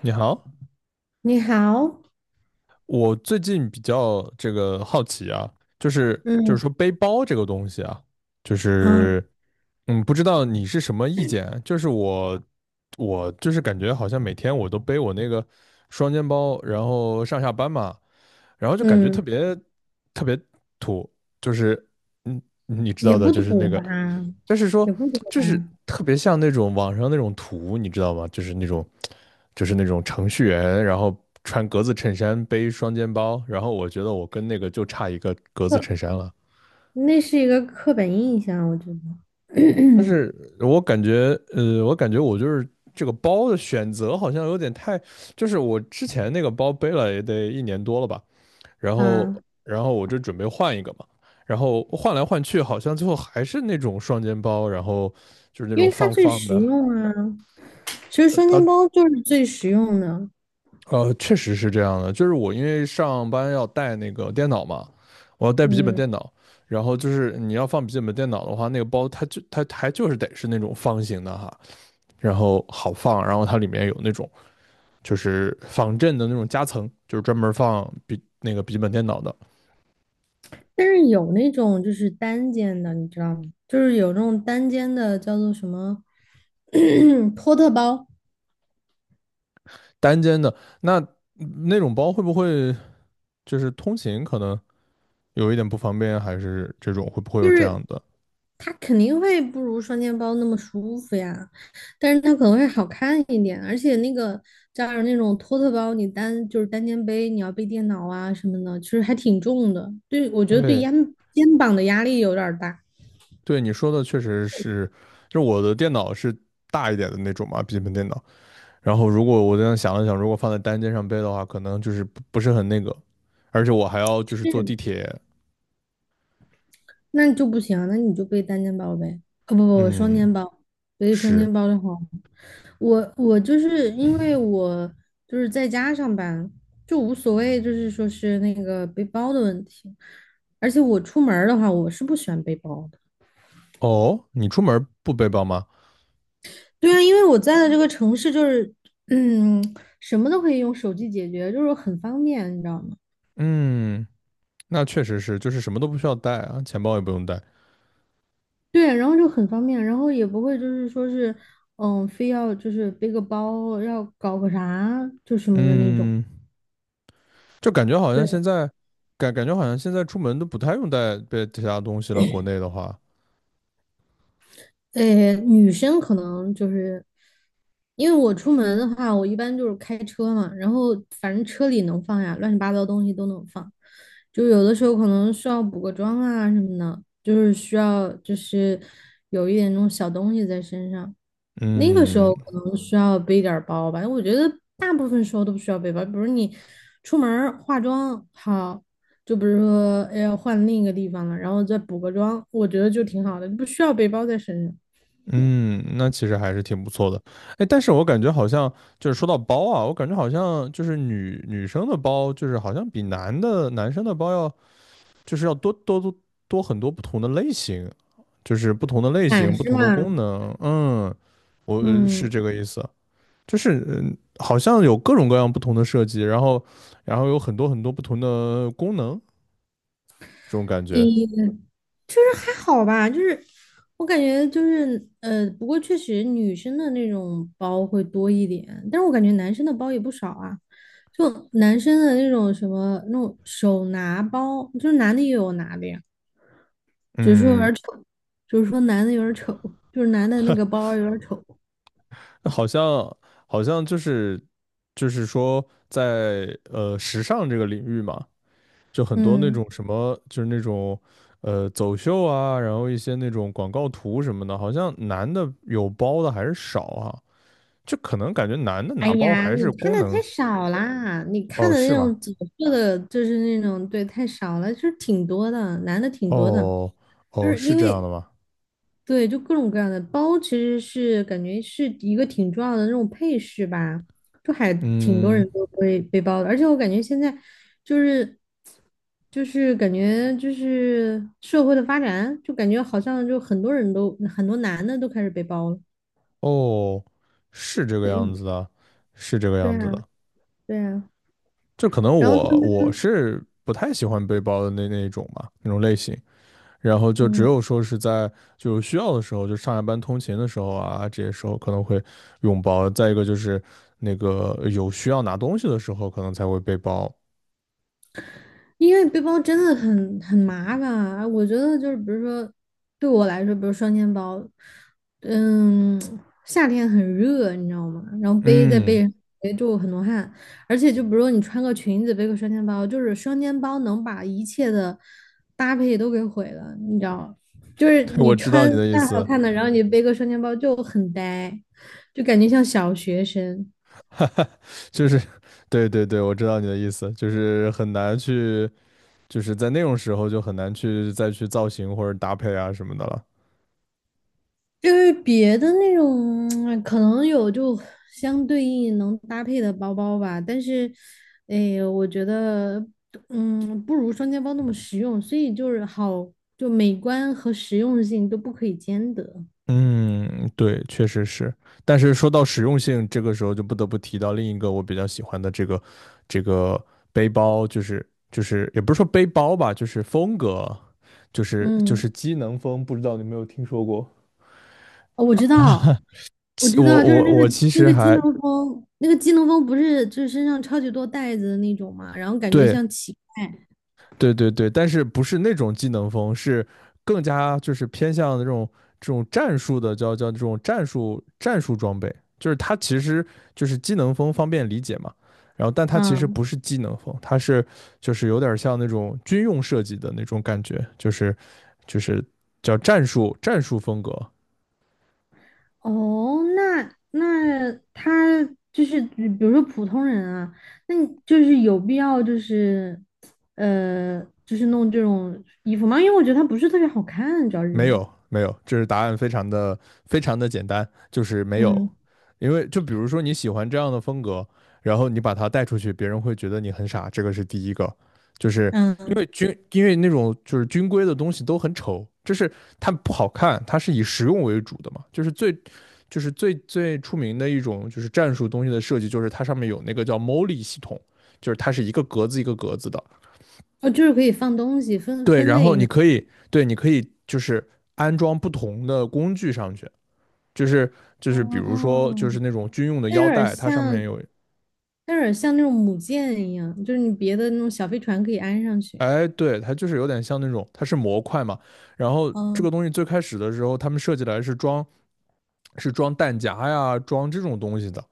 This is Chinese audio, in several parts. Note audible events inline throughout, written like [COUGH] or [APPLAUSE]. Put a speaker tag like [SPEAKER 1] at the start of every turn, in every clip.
[SPEAKER 1] 你好，
[SPEAKER 2] 你好。
[SPEAKER 1] 我最近比较这个好奇啊，就是就是
[SPEAKER 2] 嗯
[SPEAKER 1] 说背包这个东西啊，就
[SPEAKER 2] 啊
[SPEAKER 1] 是不知道你是什么意见啊？就是我就是感觉好像每天我都背我那个双肩包，然后上下班嘛，然后就感觉特
[SPEAKER 2] 嗯，
[SPEAKER 1] 别特别土，就是嗯，你知
[SPEAKER 2] 也
[SPEAKER 1] 道的，
[SPEAKER 2] 不
[SPEAKER 1] 就是
[SPEAKER 2] 土
[SPEAKER 1] 那个。
[SPEAKER 2] 吧，
[SPEAKER 1] 就是说，
[SPEAKER 2] 也不土
[SPEAKER 1] 就是
[SPEAKER 2] 吧。
[SPEAKER 1] 特别像那种网上那种图，你知道吗？就是那种，就是那种程序员，然后穿格子衬衫，背双肩包，然后我觉得我跟那个就差一个格子衬
[SPEAKER 2] 那
[SPEAKER 1] 衫了。
[SPEAKER 2] 那是一个刻板印象，我觉
[SPEAKER 1] 但
[SPEAKER 2] 得。
[SPEAKER 1] 是我感觉，我感觉我就是这个包的选择好像有点太，就是我之前那个包背了也得一年多了吧，然
[SPEAKER 2] [CLEARS THROAT]
[SPEAKER 1] 后，
[SPEAKER 2] 啊，
[SPEAKER 1] 然后我就准备换一个嘛，然后换来换去，好像最后还是那种双肩包，然后就是那
[SPEAKER 2] 因
[SPEAKER 1] 种
[SPEAKER 2] 为它
[SPEAKER 1] 方
[SPEAKER 2] 最
[SPEAKER 1] 方
[SPEAKER 2] 实
[SPEAKER 1] 的，啊，
[SPEAKER 2] 用啊，其实双肩
[SPEAKER 1] 呃
[SPEAKER 2] 包就是最实用的。
[SPEAKER 1] 确实是这样的，就是我因为上班要带那个电脑嘛，我要带笔记本
[SPEAKER 2] 嗯，
[SPEAKER 1] 电脑，然后就是你要放笔记本电脑的话，那个包它还就是得是那种方形的哈，然后好放，然后它里面有那种就是防震的那种夹层，就是专门放笔那个笔记本电脑的
[SPEAKER 2] 但是有那种就是单肩的，你知道吗？就是有那种单肩的叫做什么 [CLEARS THROAT] 托特包。
[SPEAKER 1] 单肩的，那那种包会不会就是通勤可能有一点不方便，还是这种会不会有这样的？
[SPEAKER 2] 它肯定会不如双肩包那么舒服呀，但是它可能会好看一点，而且那个加上那种托特包，你单就是单肩背，你要背电脑啊什么的，其实还挺重的。对，我觉得对
[SPEAKER 1] 对，
[SPEAKER 2] 肩肩膀的压力有点儿大。
[SPEAKER 1] 对你说的确实是，就是我的电脑是大一点的那种嘛，笔记本电脑。然后如果我这样想了想，如果放在单肩上背的话，可能就是不是很那个，而且我还要就是坐地铁。
[SPEAKER 2] 那就不行啊，那你就背单肩包呗。哦不不不，双
[SPEAKER 1] 嗯，
[SPEAKER 2] 肩包。背双
[SPEAKER 1] 是。
[SPEAKER 2] 肩包的话，我就是因为我就是在家上班，就无所谓，就是说是那个背包的问题。而且我出门儿的话，我是不喜欢背包的。
[SPEAKER 1] 哦，你出门不背包吗？
[SPEAKER 2] 对啊，因为我在的这个城市就是，嗯，什么都可以用手机解决，就是很方便，你知道吗？
[SPEAKER 1] 嗯，那确实是，就是什么都不需要带啊，钱包也不用带。
[SPEAKER 2] 对，然后就很方便，然后也不会就是说是，嗯，非要就是背个包，要搞个啥就什么的那种。
[SPEAKER 1] 嗯，就感觉好像
[SPEAKER 2] 对，
[SPEAKER 1] 现在，感觉好像现在出门都不太用带背其他东西了。国内的话，
[SPEAKER 2] 女生可能就是因为我出门的话，我一般就是开车嘛，然后反正车里能放呀，乱七八糟东西都能放。就有的时候可能需要补个妆啊什么的，就是需要就是有一点那种小东西在身上，那个时
[SPEAKER 1] 嗯，
[SPEAKER 2] 候可能需要背点儿包吧。我觉得大部分时候都不需要背包，比如你出门儿化妆好，就比如说哎呀换另一个地方了，然后再补个妆，我觉得就挺好的，不需要背包在身上。
[SPEAKER 1] 嗯，那其实还是挺不错的。哎，但是我感觉好像就是说到包啊，我感觉好像就是女生的包，就是好像比男生的包要就是要多很多不同的类型，就是不同的类
[SPEAKER 2] 款
[SPEAKER 1] 型、不
[SPEAKER 2] 式
[SPEAKER 1] 同的
[SPEAKER 2] 嘛，
[SPEAKER 1] 功能。嗯，我是
[SPEAKER 2] 嗯，
[SPEAKER 1] 这个意思，就是嗯好像有各种各样不同的设计，然后有很多不同的功能，这种感觉。
[SPEAKER 2] 也就是还好吧，就是我感觉就是不过确实女生的那种包会多一点，但是我感觉男生的包也不少啊。就男生的那种什么那种手拿包，就是男的也有拿的呀，只是说有
[SPEAKER 1] 嗯，
[SPEAKER 2] 点丑，就是说男的有点丑，就是男的那个包有点丑。
[SPEAKER 1] 好像好像就是说在时尚这个领域嘛，就很多那
[SPEAKER 2] 嗯，
[SPEAKER 1] 种什么就是那种走秀啊，然后一些那种广告图什么的，好像男的有包的还是少啊，就可能感觉男的
[SPEAKER 2] 哎
[SPEAKER 1] 拿包
[SPEAKER 2] 呀，
[SPEAKER 1] 还
[SPEAKER 2] 你
[SPEAKER 1] 是
[SPEAKER 2] 看
[SPEAKER 1] 功
[SPEAKER 2] 的太
[SPEAKER 1] 能
[SPEAKER 2] 少啦，你看
[SPEAKER 1] 哦，
[SPEAKER 2] 的
[SPEAKER 1] 是
[SPEAKER 2] 那
[SPEAKER 1] 吗？
[SPEAKER 2] 种紫色的，就是那种对，太少了，就是挺多的，男的挺多的。
[SPEAKER 1] 哦
[SPEAKER 2] 就
[SPEAKER 1] 哦，
[SPEAKER 2] 是
[SPEAKER 1] 是
[SPEAKER 2] 因
[SPEAKER 1] 这样的
[SPEAKER 2] 为
[SPEAKER 1] 吗？
[SPEAKER 2] 对，就各种各样的包，其实是感觉是一个挺重要的那种配饰吧，就还挺多
[SPEAKER 1] 嗯，
[SPEAKER 2] 人都会背包的。而且我感觉现在就是就是感觉就是社会的发展，就感觉好像就很多人都很多男的都开始背包了。
[SPEAKER 1] 哦，是这个样子的，是这个
[SPEAKER 2] 对
[SPEAKER 1] 样子
[SPEAKER 2] 啊，
[SPEAKER 1] 的。
[SPEAKER 2] 对啊。
[SPEAKER 1] 就可能
[SPEAKER 2] 然后他
[SPEAKER 1] 我
[SPEAKER 2] 们，
[SPEAKER 1] 我是不太喜欢背包的那一种吧，那种类型。然后就只
[SPEAKER 2] 嗯。
[SPEAKER 1] 有说是在就是需要的时候，就上下班通勤的时候啊，这些时候可能会用包。再一个就是那个有需要拿东西的时候，可能才会背包。
[SPEAKER 2] 因为背包真的很麻烦。我觉得就是比如说，对我来说，比如双肩包，嗯，夏天很热，你知道吗？然后背在背
[SPEAKER 1] 嗯，
[SPEAKER 2] 上背就很多汗。而且就比如说你穿个裙子背个双肩包，就是双肩包能把一切的搭配都给毁了，你知道？就是
[SPEAKER 1] [LAUGHS] 我
[SPEAKER 2] 你
[SPEAKER 1] 知道
[SPEAKER 2] 穿
[SPEAKER 1] 你的意
[SPEAKER 2] 再好
[SPEAKER 1] 思，
[SPEAKER 2] 看的，然后你背个双肩包就很呆，就感觉像小学生。
[SPEAKER 1] 就是对对对，我知道你的意思，就是很难去，就是在那种时候就很难去再去造型或者搭配啊什么的了。
[SPEAKER 2] 就是别的那种，可能有就相对应能搭配的包包吧，但是，哎，我觉得，嗯，不如双肩包那么实用，所以就是好，就美观和实用性都不可以兼得。
[SPEAKER 1] 嗯，对，确实是。但是说到实用性，这个时候就不得不提到另一个我比较喜欢的这个背包，就是也不是说背包吧，就是风格，就是
[SPEAKER 2] 嗯，
[SPEAKER 1] 机能风，不知道你有没有听说过？
[SPEAKER 2] 哦我知道，
[SPEAKER 1] [LAUGHS]
[SPEAKER 2] 我
[SPEAKER 1] 其我
[SPEAKER 2] 知道。就是那
[SPEAKER 1] 我我
[SPEAKER 2] 个
[SPEAKER 1] 其
[SPEAKER 2] 那
[SPEAKER 1] 实
[SPEAKER 2] 个机
[SPEAKER 1] 还
[SPEAKER 2] 能风，那个机能风不是就是身上超级多袋子的那种嘛，然后感觉
[SPEAKER 1] 对
[SPEAKER 2] 像乞
[SPEAKER 1] 对对对，但是不是那种技能风，是更加就是偏向这种战术的，叫这种战术装备，就是它其实就是技能风方便理解嘛。然后，但它其实
[SPEAKER 2] 丐。
[SPEAKER 1] 不是技能风，它是就是有点像那种军用设计的那种感觉，就是就是叫战术风格。
[SPEAKER 2] 哦，那那他就是比如说普通人啊，那你就是有必要就是就是弄这种衣服吗？因为我觉得它不是特别好看，主要
[SPEAKER 1] 没
[SPEAKER 2] 是
[SPEAKER 1] 有没有，这是答案非常的简单，就是没有。
[SPEAKER 2] 嗯
[SPEAKER 1] 因为就比如说你喜欢这样的风格，然后你把它带出去，别人会觉得你很傻，这个是第一个。就是因
[SPEAKER 2] 嗯。
[SPEAKER 1] 为军，因为那种就是军规的东西都很丑，就是它不好看，它是以实用为主的嘛。就是最，就是最出名的一种就是战术东西的设计，就是它上面有那个叫 MOLI 系统，就是它是一个格子一个格子的。
[SPEAKER 2] 哦，就是可以放东西分
[SPEAKER 1] 对，
[SPEAKER 2] 分
[SPEAKER 1] 然
[SPEAKER 2] 类
[SPEAKER 1] 后
[SPEAKER 2] 是
[SPEAKER 1] 你
[SPEAKER 2] 吗？
[SPEAKER 1] 可以，对，你可以就是安装不同的工具上去，就是就
[SPEAKER 2] 哦，
[SPEAKER 1] 是比如说就是那种军用的
[SPEAKER 2] 它有点
[SPEAKER 1] 腰
[SPEAKER 2] 儿
[SPEAKER 1] 带，它上面
[SPEAKER 2] 像，
[SPEAKER 1] 有
[SPEAKER 2] 它有点儿像那种母舰一样，就是你别的那种小飞船可以安上去。
[SPEAKER 1] 哎，对，它就是有点像那种，它是模块嘛。然后这
[SPEAKER 2] 嗯，
[SPEAKER 1] 个东西最开始的时候，他们设计来是装，是装弹夹呀，装这种东西的。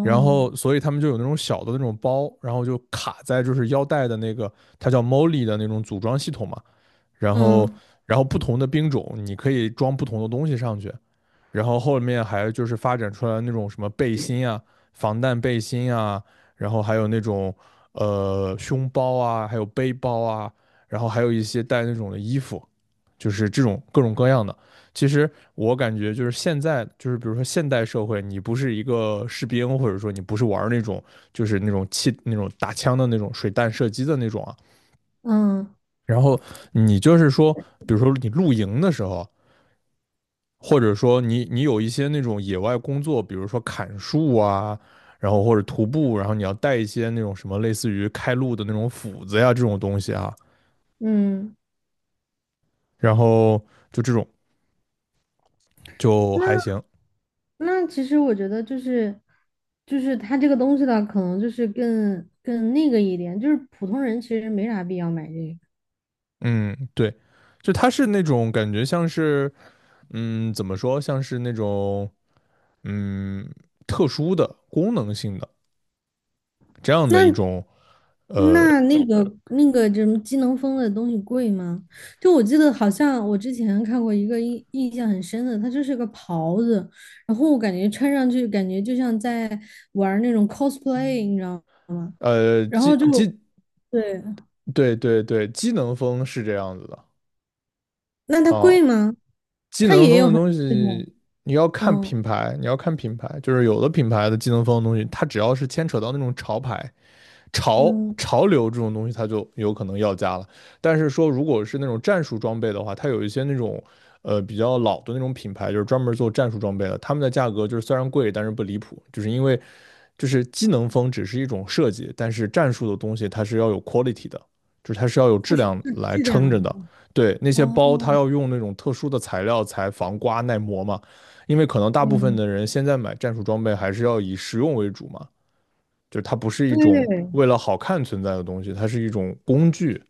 [SPEAKER 1] 然后，所以他们就有那种小的那种包，然后就卡在就是腰带的那个，它叫 Molly 的那种组装系统嘛。然后
[SPEAKER 2] 嗯
[SPEAKER 1] 然后不同的兵种你可以装不同的东西上去，然后后面还就是发展出来那种什么背心啊、防弹背心啊，然后还有那种胸包啊，还有背包啊，然后还有一些带那种的衣服，就是这种各种各样的。其实我感觉就是现在，就是比如说现代社会，你不是一个士兵，或者说你不是玩那种就是那种气那种打枪的那种水弹射击的那种啊，
[SPEAKER 2] 嗯
[SPEAKER 1] 然后你就是说，比如说你露营的时候，或者说你有一些那种野外工作，比如说砍树啊，然后或者徒步，然后你要带一些那种什么类似于开路的那种斧子呀这种东西啊，
[SPEAKER 2] 嗯，嗯，
[SPEAKER 1] 然后就这种就还
[SPEAKER 2] 那
[SPEAKER 1] 行，
[SPEAKER 2] 那其实我觉得就是，就是它这个东西的可能就是更更那个一点，就是普通人其实没啥必要买这个。
[SPEAKER 1] 嗯，对，就它是那种感觉像是，嗯，怎么说，像是那种嗯特殊的功能性的这样的
[SPEAKER 2] 那
[SPEAKER 1] 一种呃
[SPEAKER 2] 那那个那个什么机能风的东西贵吗？就我记得好像我之前看过一个印象很深的，它就是个袍子，然后我感觉穿上去感觉就像在玩儿那种 cosplay，你知道吗？
[SPEAKER 1] 呃
[SPEAKER 2] 然
[SPEAKER 1] 机
[SPEAKER 2] 后就
[SPEAKER 1] 机
[SPEAKER 2] 对，
[SPEAKER 1] 对对对，机能风是这样子的
[SPEAKER 2] 那它
[SPEAKER 1] 啊。
[SPEAKER 2] 贵吗？
[SPEAKER 1] 机
[SPEAKER 2] 它
[SPEAKER 1] 能
[SPEAKER 2] 也
[SPEAKER 1] 风
[SPEAKER 2] 有
[SPEAKER 1] 的
[SPEAKER 2] 很
[SPEAKER 1] 东
[SPEAKER 2] 那种，
[SPEAKER 1] 西你要看
[SPEAKER 2] 嗯
[SPEAKER 1] 品牌，你要看品牌，就是有的品牌的机能风的东西，它只要是牵扯到那种潮牌、潮
[SPEAKER 2] 嗯，
[SPEAKER 1] 潮流这种东西，它就有可能要价了。但是说如果是那种战术装备的话，它有一些那种比较老的那种品牌，就是专门做战术装备的，他们的价格就是虽然贵，但是不离谱，就是因为就是机能风只是一种设计，但是战术的东西它是要有 quality 的，就是它是要有质量来
[SPEAKER 2] 质
[SPEAKER 1] 撑
[SPEAKER 2] 量。
[SPEAKER 1] 着的。对，那些包它
[SPEAKER 2] 哦，
[SPEAKER 1] 要用那种特殊的材料才防刮耐磨嘛，因为可能大部分
[SPEAKER 2] 嗯，
[SPEAKER 1] 的人现在买战术装备还是要以实用为主嘛，就是它不是一种
[SPEAKER 2] 对
[SPEAKER 1] 为了好看存在的东西，它是一种工具。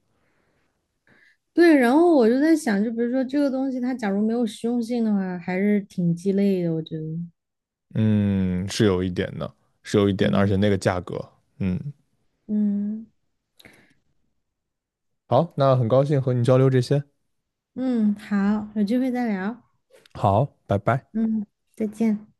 [SPEAKER 2] 对，然后我就在想，就比如说这个东西，它假如没有实用性的话，还是挺鸡肋的，我觉得。
[SPEAKER 1] 嗯，是有一点的，是有一点的，而且那个
[SPEAKER 2] 嗯
[SPEAKER 1] 价格，嗯，
[SPEAKER 2] 嗯
[SPEAKER 1] 好，那很高兴和你交流这些，
[SPEAKER 2] 嗯，好，有机会再聊。
[SPEAKER 1] 好，拜拜。
[SPEAKER 2] 嗯，再见。